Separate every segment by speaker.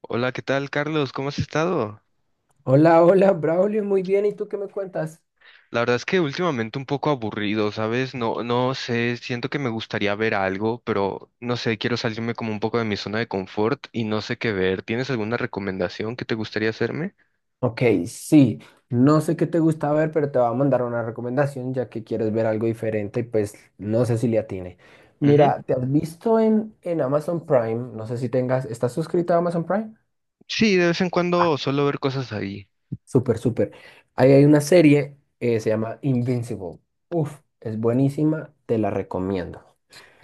Speaker 1: Hola, ¿qué tal, Carlos? ¿Cómo has estado?
Speaker 2: Hola, hola, Braulio, muy bien. ¿Y tú qué me cuentas?
Speaker 1: La verdad es que últimamente un poco aburrido, ¿sabes? No sé, siento que me gustaría ver algo, pero no sé, quiero salirme como un poco de mi zona de confort y no sé qué ver. ¿Tienes alguna recomendación que te gustaría hacerme?
Speaker 2: Ok, sí, no sé qué te gusta ver, pero te voy a mandar una recomendación ya que quieres ver algo diferente y pues no sé si le atine.
Speaker 1: Ujú.
Speaker 2: Mira, ¿te has visto en Amazon Prime? No sé si tengas, ¿estás suscrito a Amazon Prime?
Speaker 1: Sí, de vez en cuando solo ver cosas ahí.
Speaker 2: Súper, súper. Ahí hay una serie, se llama Invincible. Uf, es buenísima, te la recomiendo.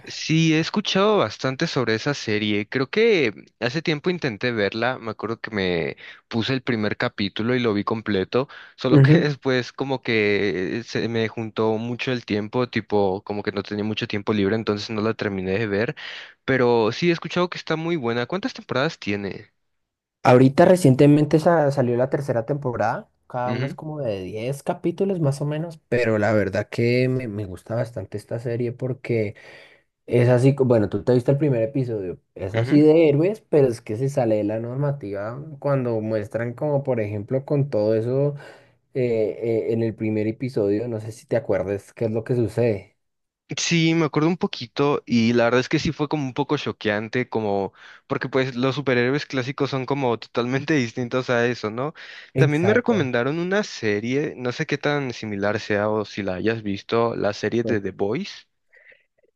Speaker 1: Sí, he escuchado bastante sobre esa serie. Creo que hace tiempo intenté verla. Me acuerdo que me puse el primer capítulo y lo vi completo. Solo que
Speaker 2: Ujú.
Speaker 1: después como que se me juntó mucho el tiempo, tipo como que no tenía mucho tiempo libre, entonces no la terminé de ver. Pero sí, he escuchado que está muy buena. ¿Cuántas temporadas tiene?
Speaker 2: Ahorita recientemente salió la tercera temporada, cada una es
Speaker 1: Ujú,
Speaker 2: como de 10 capítulos más o menos, pero la verdad que me gusta bastante esta serie porque es así, bueno, tú te viste el primer episodio, es así
Speaker 1: ujú.
Speaker 2: de héroes, pero es que se sale de la normativa cuando muestran como por ejemplo con todo eso en el primer episodio, no sé si te acuerdas qué es lo que sucede.
Speaker 1: Sí, me acuerdo un poquito y la verdad es que sí fue como un poco choqueante, como porque pues los superhéroes clásicos son como totalmente distintos a eso, ¿no? También me
Speaker 2: Exacto.
Speaker 1: recomendaron una serie, no sé qué tan similar sea o si la hayas visto, la serie de The Boys.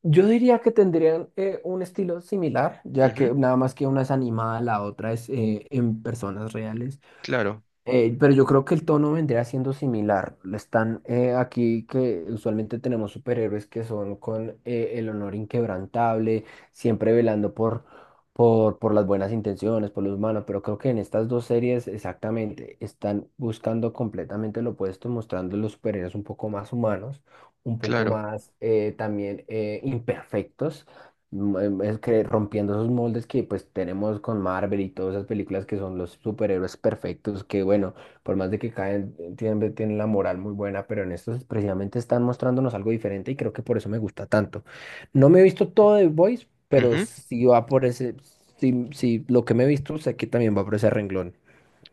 Speaker 2: Yo diría que tendrían un estilo similar, ya que
Speaker 1: Ujú,
Speaker 2: nada más que una es animada, la otra es en personas reales.
Speaker 1: claro,
Speaker 2: Pero yo creo que el tono vendría siendo similar. Están aquí que usualmente tenemos superhéroes que son con el honor inquebrantable, siempre velando por las buenas intenciones, por los humanos, pero creo que en estas dos series exactamente están buscando completamente lo opuesto, mostrando los superhéroes un poco más humanos, un poco
Speaker 1: claro.
Speaker 2: más también imperfectos. Es que rompiendo esos moldes que pues tenemos con Marvel y todas esas películas que son los superhéroes perfectos, que bueno, por más de que caen, tienen la moral muy buena, pero en estos precisamente están mostrándonos algo diferente y creo que por eso me gusta tanto. No me he visto todo de Boys, pero
Speaker 1: Ujú.
Speaker 2: si va por ese, si lo que me he visto sé que también va por ese renglón.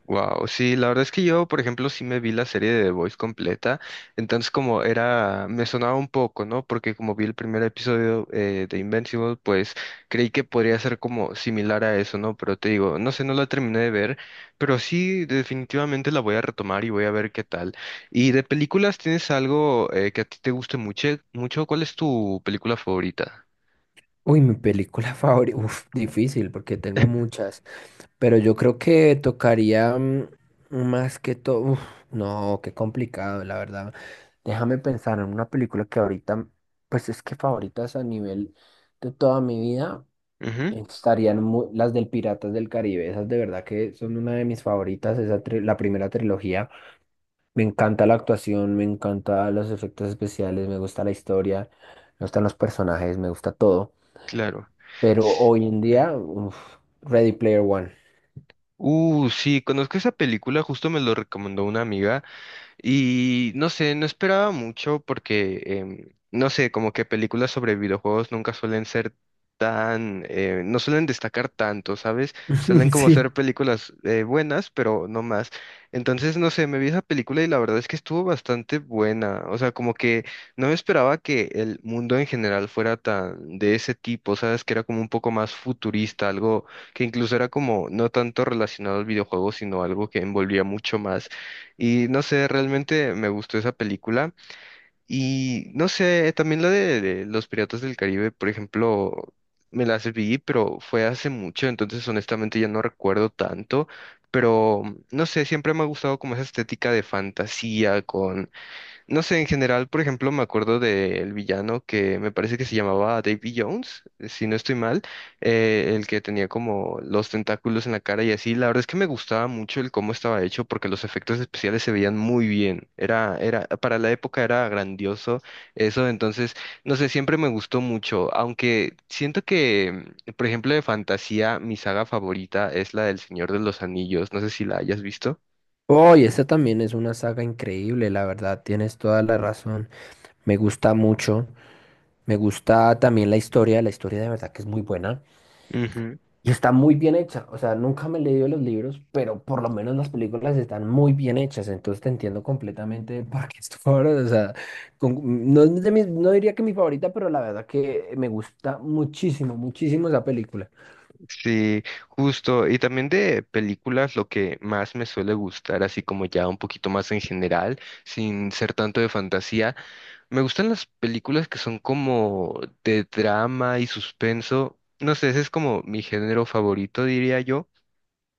Speaker 1: Wow, sí, la verdad es que yo, por ejemplo, sí me vi la serie de The Voice completa, entonces como era, me sonaba un poco, ¿no? Porque como vi el primer episodio de Invincible, pues creí que podría ser como similar a eso, ¿no? Pero te digo, no sé, no la terminé de ver, pero sí, definitivamente la voy a retomar y voy a ver qué tal. ¿Y de películas tienes algo que a ti te guste mucho? Cuál es tu película favorita?
Speaker 2: Uy, mi película favorita, uf, difícil porque tengo muchas. Pero yo creo que tocaría más que todo. Uf, no, qué complicado, la verdad. Déjame pensar en una película que ahorita, pues es que favoritas a nivel de toda mi vida
Speaker 1: Ujú,
Speaker 2: estarían las del Piratas del Caribe. Esas de verdad que son una de mis favoritas. Esa la primera trilogía. Me encanta la actuación, me encanta los efectos especiales, me gusta la historia, me gustan los personajes, me gusta todo.
Speaker 1: claro.
Speaker 2: Pero
Speaker 1: S-
Speaker 2: hoy en
Speaker 1: Ujú.
Speaker 2: día, uf, Ready Player One.
Speaker 1: Sí, conozco esa película, justo me lo recomendó una amiga. Y no sé, no esperaba mucho porque, no sé, como que películas sobre videojuegos nunca suelen ser tan, no suelen destacar tanto, ¿sabes? Suelen como
Speaker 2: Sí.
Speaker 1: ser películas buenas, pero no más. Entonces, no sé, me vi esa película y la verdad es que estuvo bastante buena. O sea, como que no me esperaba que el mundo en general fuera tan de ese tipo, ¿sabes? Que era como un poco más futurista, algo que incluso era como no tanto relacionado al videojuego, sino algo que envolvía mucho más. Y no sé, realmente me gustó esa película. Y no sé, también la de Los Piratas del Caribe, por ejemplo, me la vi, pero fue hace mucho, entonces honestamente ya no recuerdo tanto. Pero no sé, siempre me ha gustado como esa estética de fantasía, con no sé, en general, por ejemplo, me acuerdo del villano que me parece que se llamaba Davy Jones, si no estoy mal, el que tenía como los tentáculos en la cara y así. La verdad es que me gustaba mucho el cómo estaba hecho porque los efectos especiales se veían muy bien. Era, para la época era grandioso eso, entonces, no sé, siempre me gustó mucho, aunque siento que, por ejemplo, de fantasía, mi saga favorita es la del Señor de los Anillos. No sé si la hayas visto.
Speaker 2: Oh, y esta también es una saga increíble, la verdad, tienes toda la razón. Me gusta mucho. Me gusta también la historia de verdad que es muy buena y está muy bien hecha. O sea, nunca me he leído los libros, pero por lo menos las películas están muy bien hechas, entonces te entiendo completamente para qué es tu favorita. O sea, no, es de no diría que mi favorita, pero la verdad que me gusta muchísimo, muchísimo esa película.
Speaker 1: Sí, justo. Y también de películas, lo que más me suele gustar, así como ya un poquito más en general, sin ser tanto de fantasía, me gustan las películas que son como de drama y suspenso. No sé, ese es como mi género favorito, diría yo.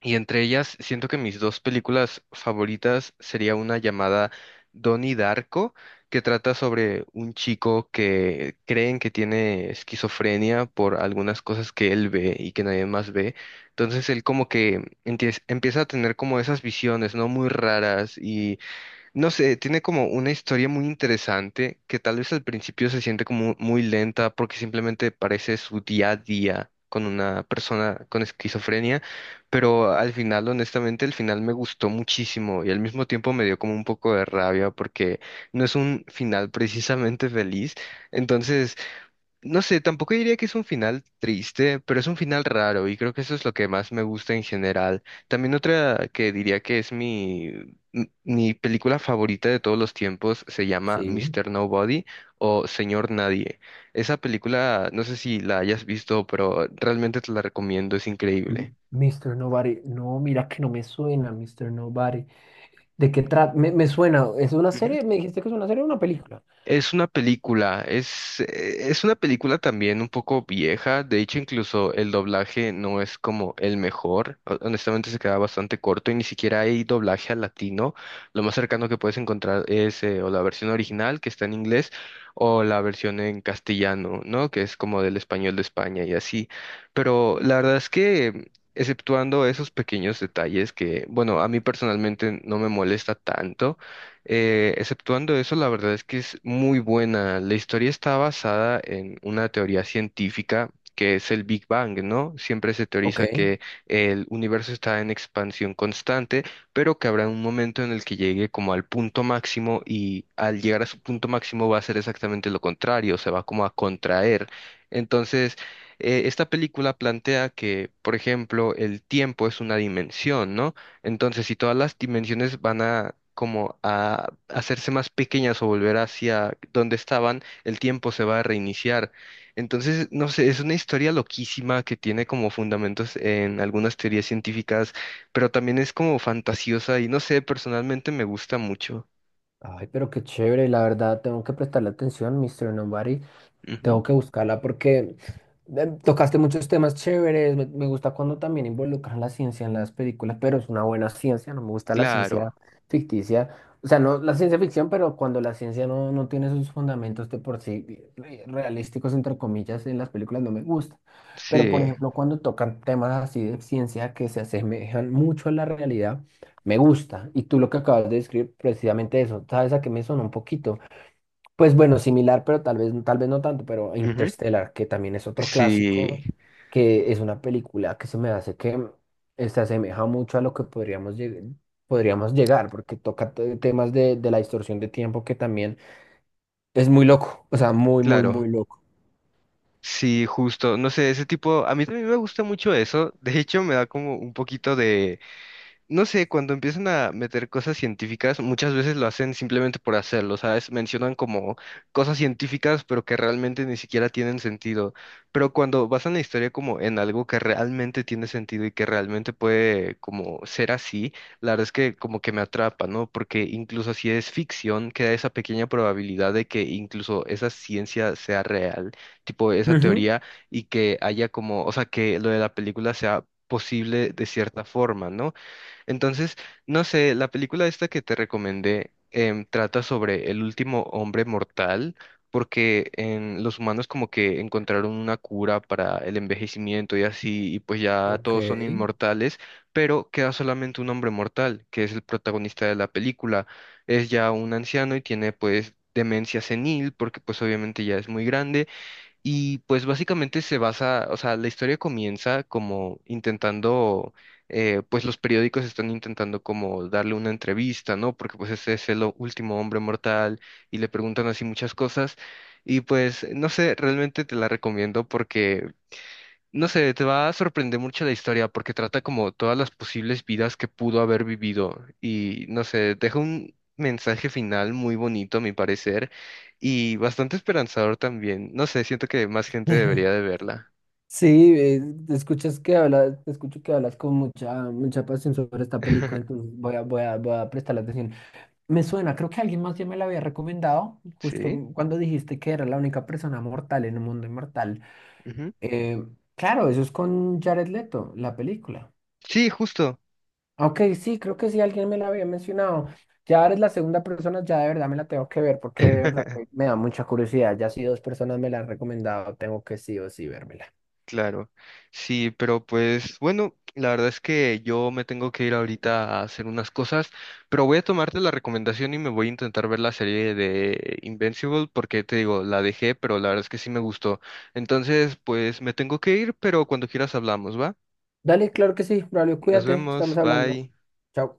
Speaker 1: Y entre ellas, siento que mis dos películas favoritas sería una llamada Donnie Darko, que trata sobre un chico que creen que tiene esquizofrenia por algunas cosas que él ve y que nadie más ve. Entonces él como que empieza a tener como esas visiones, ¿no? Muy raras no sé, tiene como una historia muy interesante que tal vez al principio se siente como muy lenta porque simplemente parece su día a día con una persona con esquizofrenia, pero al final, honestamente, el final me gustó muchísimo y al mismo tiempo me dio como un poco de rabia porque no es un final precisamente feliz. Entonces, no sé, tampoco diría que es un final triste, pero es un final raro y creo que eso es lo que más me gusta en general. También otra que diría que es mi película favorita de todos los tiempos se llama
Speaker 2: Sí.
Speaker 1: Mister Nobody o Señor Nadie. Esa película, no sé si la hayas visto, pero realmente te la recomiendo, es
Speaker 2: Mm,
Speaker 1: increíble.
Speaker 2: Mr. Nobody. No, mira que no me suena, Mr. Nobody. ¿De qué trata? Me suena, ¿es una serie? ¿Me dijiste que es una serie o una película?
Speaker 1: Es una película, es una película también un poco vieja, de hecho incluso el doblaje no es como el mejor, honestamente se queda bastante corto y ni siquiera hay doblaje al latino, lo más cercano que puedes encontrar es o la versión original que está en inglés o la versión en castellano, ¿no? Que es como del español de España y así, pero la verdad es que... Exceptuando esos pequeños detalles que, bueno, a mí personalmente no me molesta tanto, exceptuando eso, la verdad es que es muy buena. La historia está basada en una teoría científica que es el Big Bang, ¿no? Siempre se
Speaker 2: Ok.
Speaker 1: teoriza que el universo está en expansión constante, pero que habrá un momento en el que llegue como al punto máximo y al llegar a su punto máximo va a ser exactamente lo contrario, se va como a contraer. Entonces, esta película plantea que, por ejemplo, el tiempo es una dimensión, ¿no? Entonces, si todas las dimensiones van a como a hacerse más pequeñas o volver hacia donde estaban, el tiempo se va a reiniciar. Entonces, no sé, es una historia loquísima que tiene como fundamentos en algunas teorías científicas, pero también es como fantasiosa y no sé, personalmente me gusta mucho.
Speaker 2: Ay, pero qué chévere, la verdad, tengo que prestarle atención, Mr. Nobody.
Speaker 1: Ujú.
Speaker 2: Tengo que buscarla porque tocaste muchos temas chéveres. Me gusta cuando también involucran la ciencia en las películas, pero es una buena ciencia. No me gusta la ciencia
Speaker 1: Claro,
Speaker 2: ficticia. O sea, no la ciencia ficción, pero cuando la ciencia no, no tiene sus fundamentos de por sí realísticos, entre comillas, en las películas no me gusta. Pero, por
Speaker 1: sí.
Speaker 2: ejemplo, cuando tocan temas así de ciencia que se asemejan mucho a la realidad, me gusta. Y tú lo que acabas de describir, precisamente eso, ¿sabes a qué me sonó un poquito? Pues bueno, similar, pero tal vez no tanto, pero
Speaker 1: Ujú.
Speaker 2: Interstellar, que también es otro
Speaker 1: Sí,
Speaker 2: clásico, que es una película que se me hace que se asemeja mucho a lo que podríamos llegar, porque toca temas de la distorsión de tiempo que también es muy loco, o sea, muy, muy,
Speaker 1: claro.
Speaker 2: muy loco.
Speaker 1: Sí, justo. No sé, ese tipo, a mí también me gusta mucho eso. De hecho, me da como un poquito de no sé, cuando empiezan a meter cosas científicas, muchas veces lo hacen simplemente por hacerlo, ¿sabes? Mencionan como cosas científicas, pero que realmente ni siquiera tienen sentido. Pero cuando basan la historia como en algo que realmente tiene sentido y que realmente puede como ser así, la verdad es que como que me atrapa, ¿no? Porque incluso si es ficción, queda esa pequeña probabilidad de que incluso esa ciencia sea real, tipo esa
Speaker 2: Ujú.
Speaker 1: teoría, y que haya como, o sea, que lo de la película sea posible de cierta forma, ¿no? Entonces, no sé, la película esta que te recomendé trata sobre el último hombre mortal, porque en los humanos como que encontraron una cura para el envejecimiento y así, y pues ya
Speaker 2: Ok.
Speaker 1: todos son inmortales, pero queda solamente un hombre mortal, que es el protagonista de la película. Es ya un anciano y tiene pues demencia senil, porque pues obviamente ya es muy grande y pues básicamente se basa, o sea, la historia comienza como intentando, pues los periódicos están intentando como darle una entrevista, ¿no? Porque pues ese es el último hombre mortal y le preguntan así muchas cosas. Y pues, no sé, realmente te la recomiendo porque no sé, te va a sorprender mucho la historia porque trata como todas las posibles vidas que pudo haber vivido y no sé, deja un mensaje final muy bonito a mi parecer y bastante esperanzador también. No sé, siento que más gente debería de verla.
Speaker 2: Sí, te escucho que hablas con mucha, mucha pasión sobre esta película, entonces voy a prestarle atención. Me suena, creo que alguien más ya me la había recomendado, justo
Speaker 1: ¿Sí?
Speaker 2: cuando dijiste que era la única persona mortal en un mundo inmortal.
Speaker 1: Ujú.
Speaker 2: Eh, claro, eso es con Jared Leto, la película.
Speaker 1: Sí, justo.
Speaker 2: Ok, sí, creo que sí, alguien me la había mencionado. Ya eres la segunda persona, ya de verdad me la tengo que ver, porque de verdad que me da mucha curiosidad. Ya si dos personas me la han recomendado, tengo que sí o sí vérmela.
Speaker 1: Claro, sí, pero pues bueno, la verdad es que yo me tengo que ir ahorita a hacer unas cosas, pero voy a tomarte la recomendación y me voy a intentar ver la serie de Invincible porque te digo, la dejé, pero la verdad es que sí me gustó. Entonces, pues me tengo que ir, pero cuando quieras hablamos, ¿va?
Speaker 2: Dale, claro que sí, Braulio,
Speaker 1: Nos
Speaker 2: cuídate,
Speaker 1: vemos,
Speaker 2: estamos hablando.
Speaker 1: bye.
Speaker 2: Chao.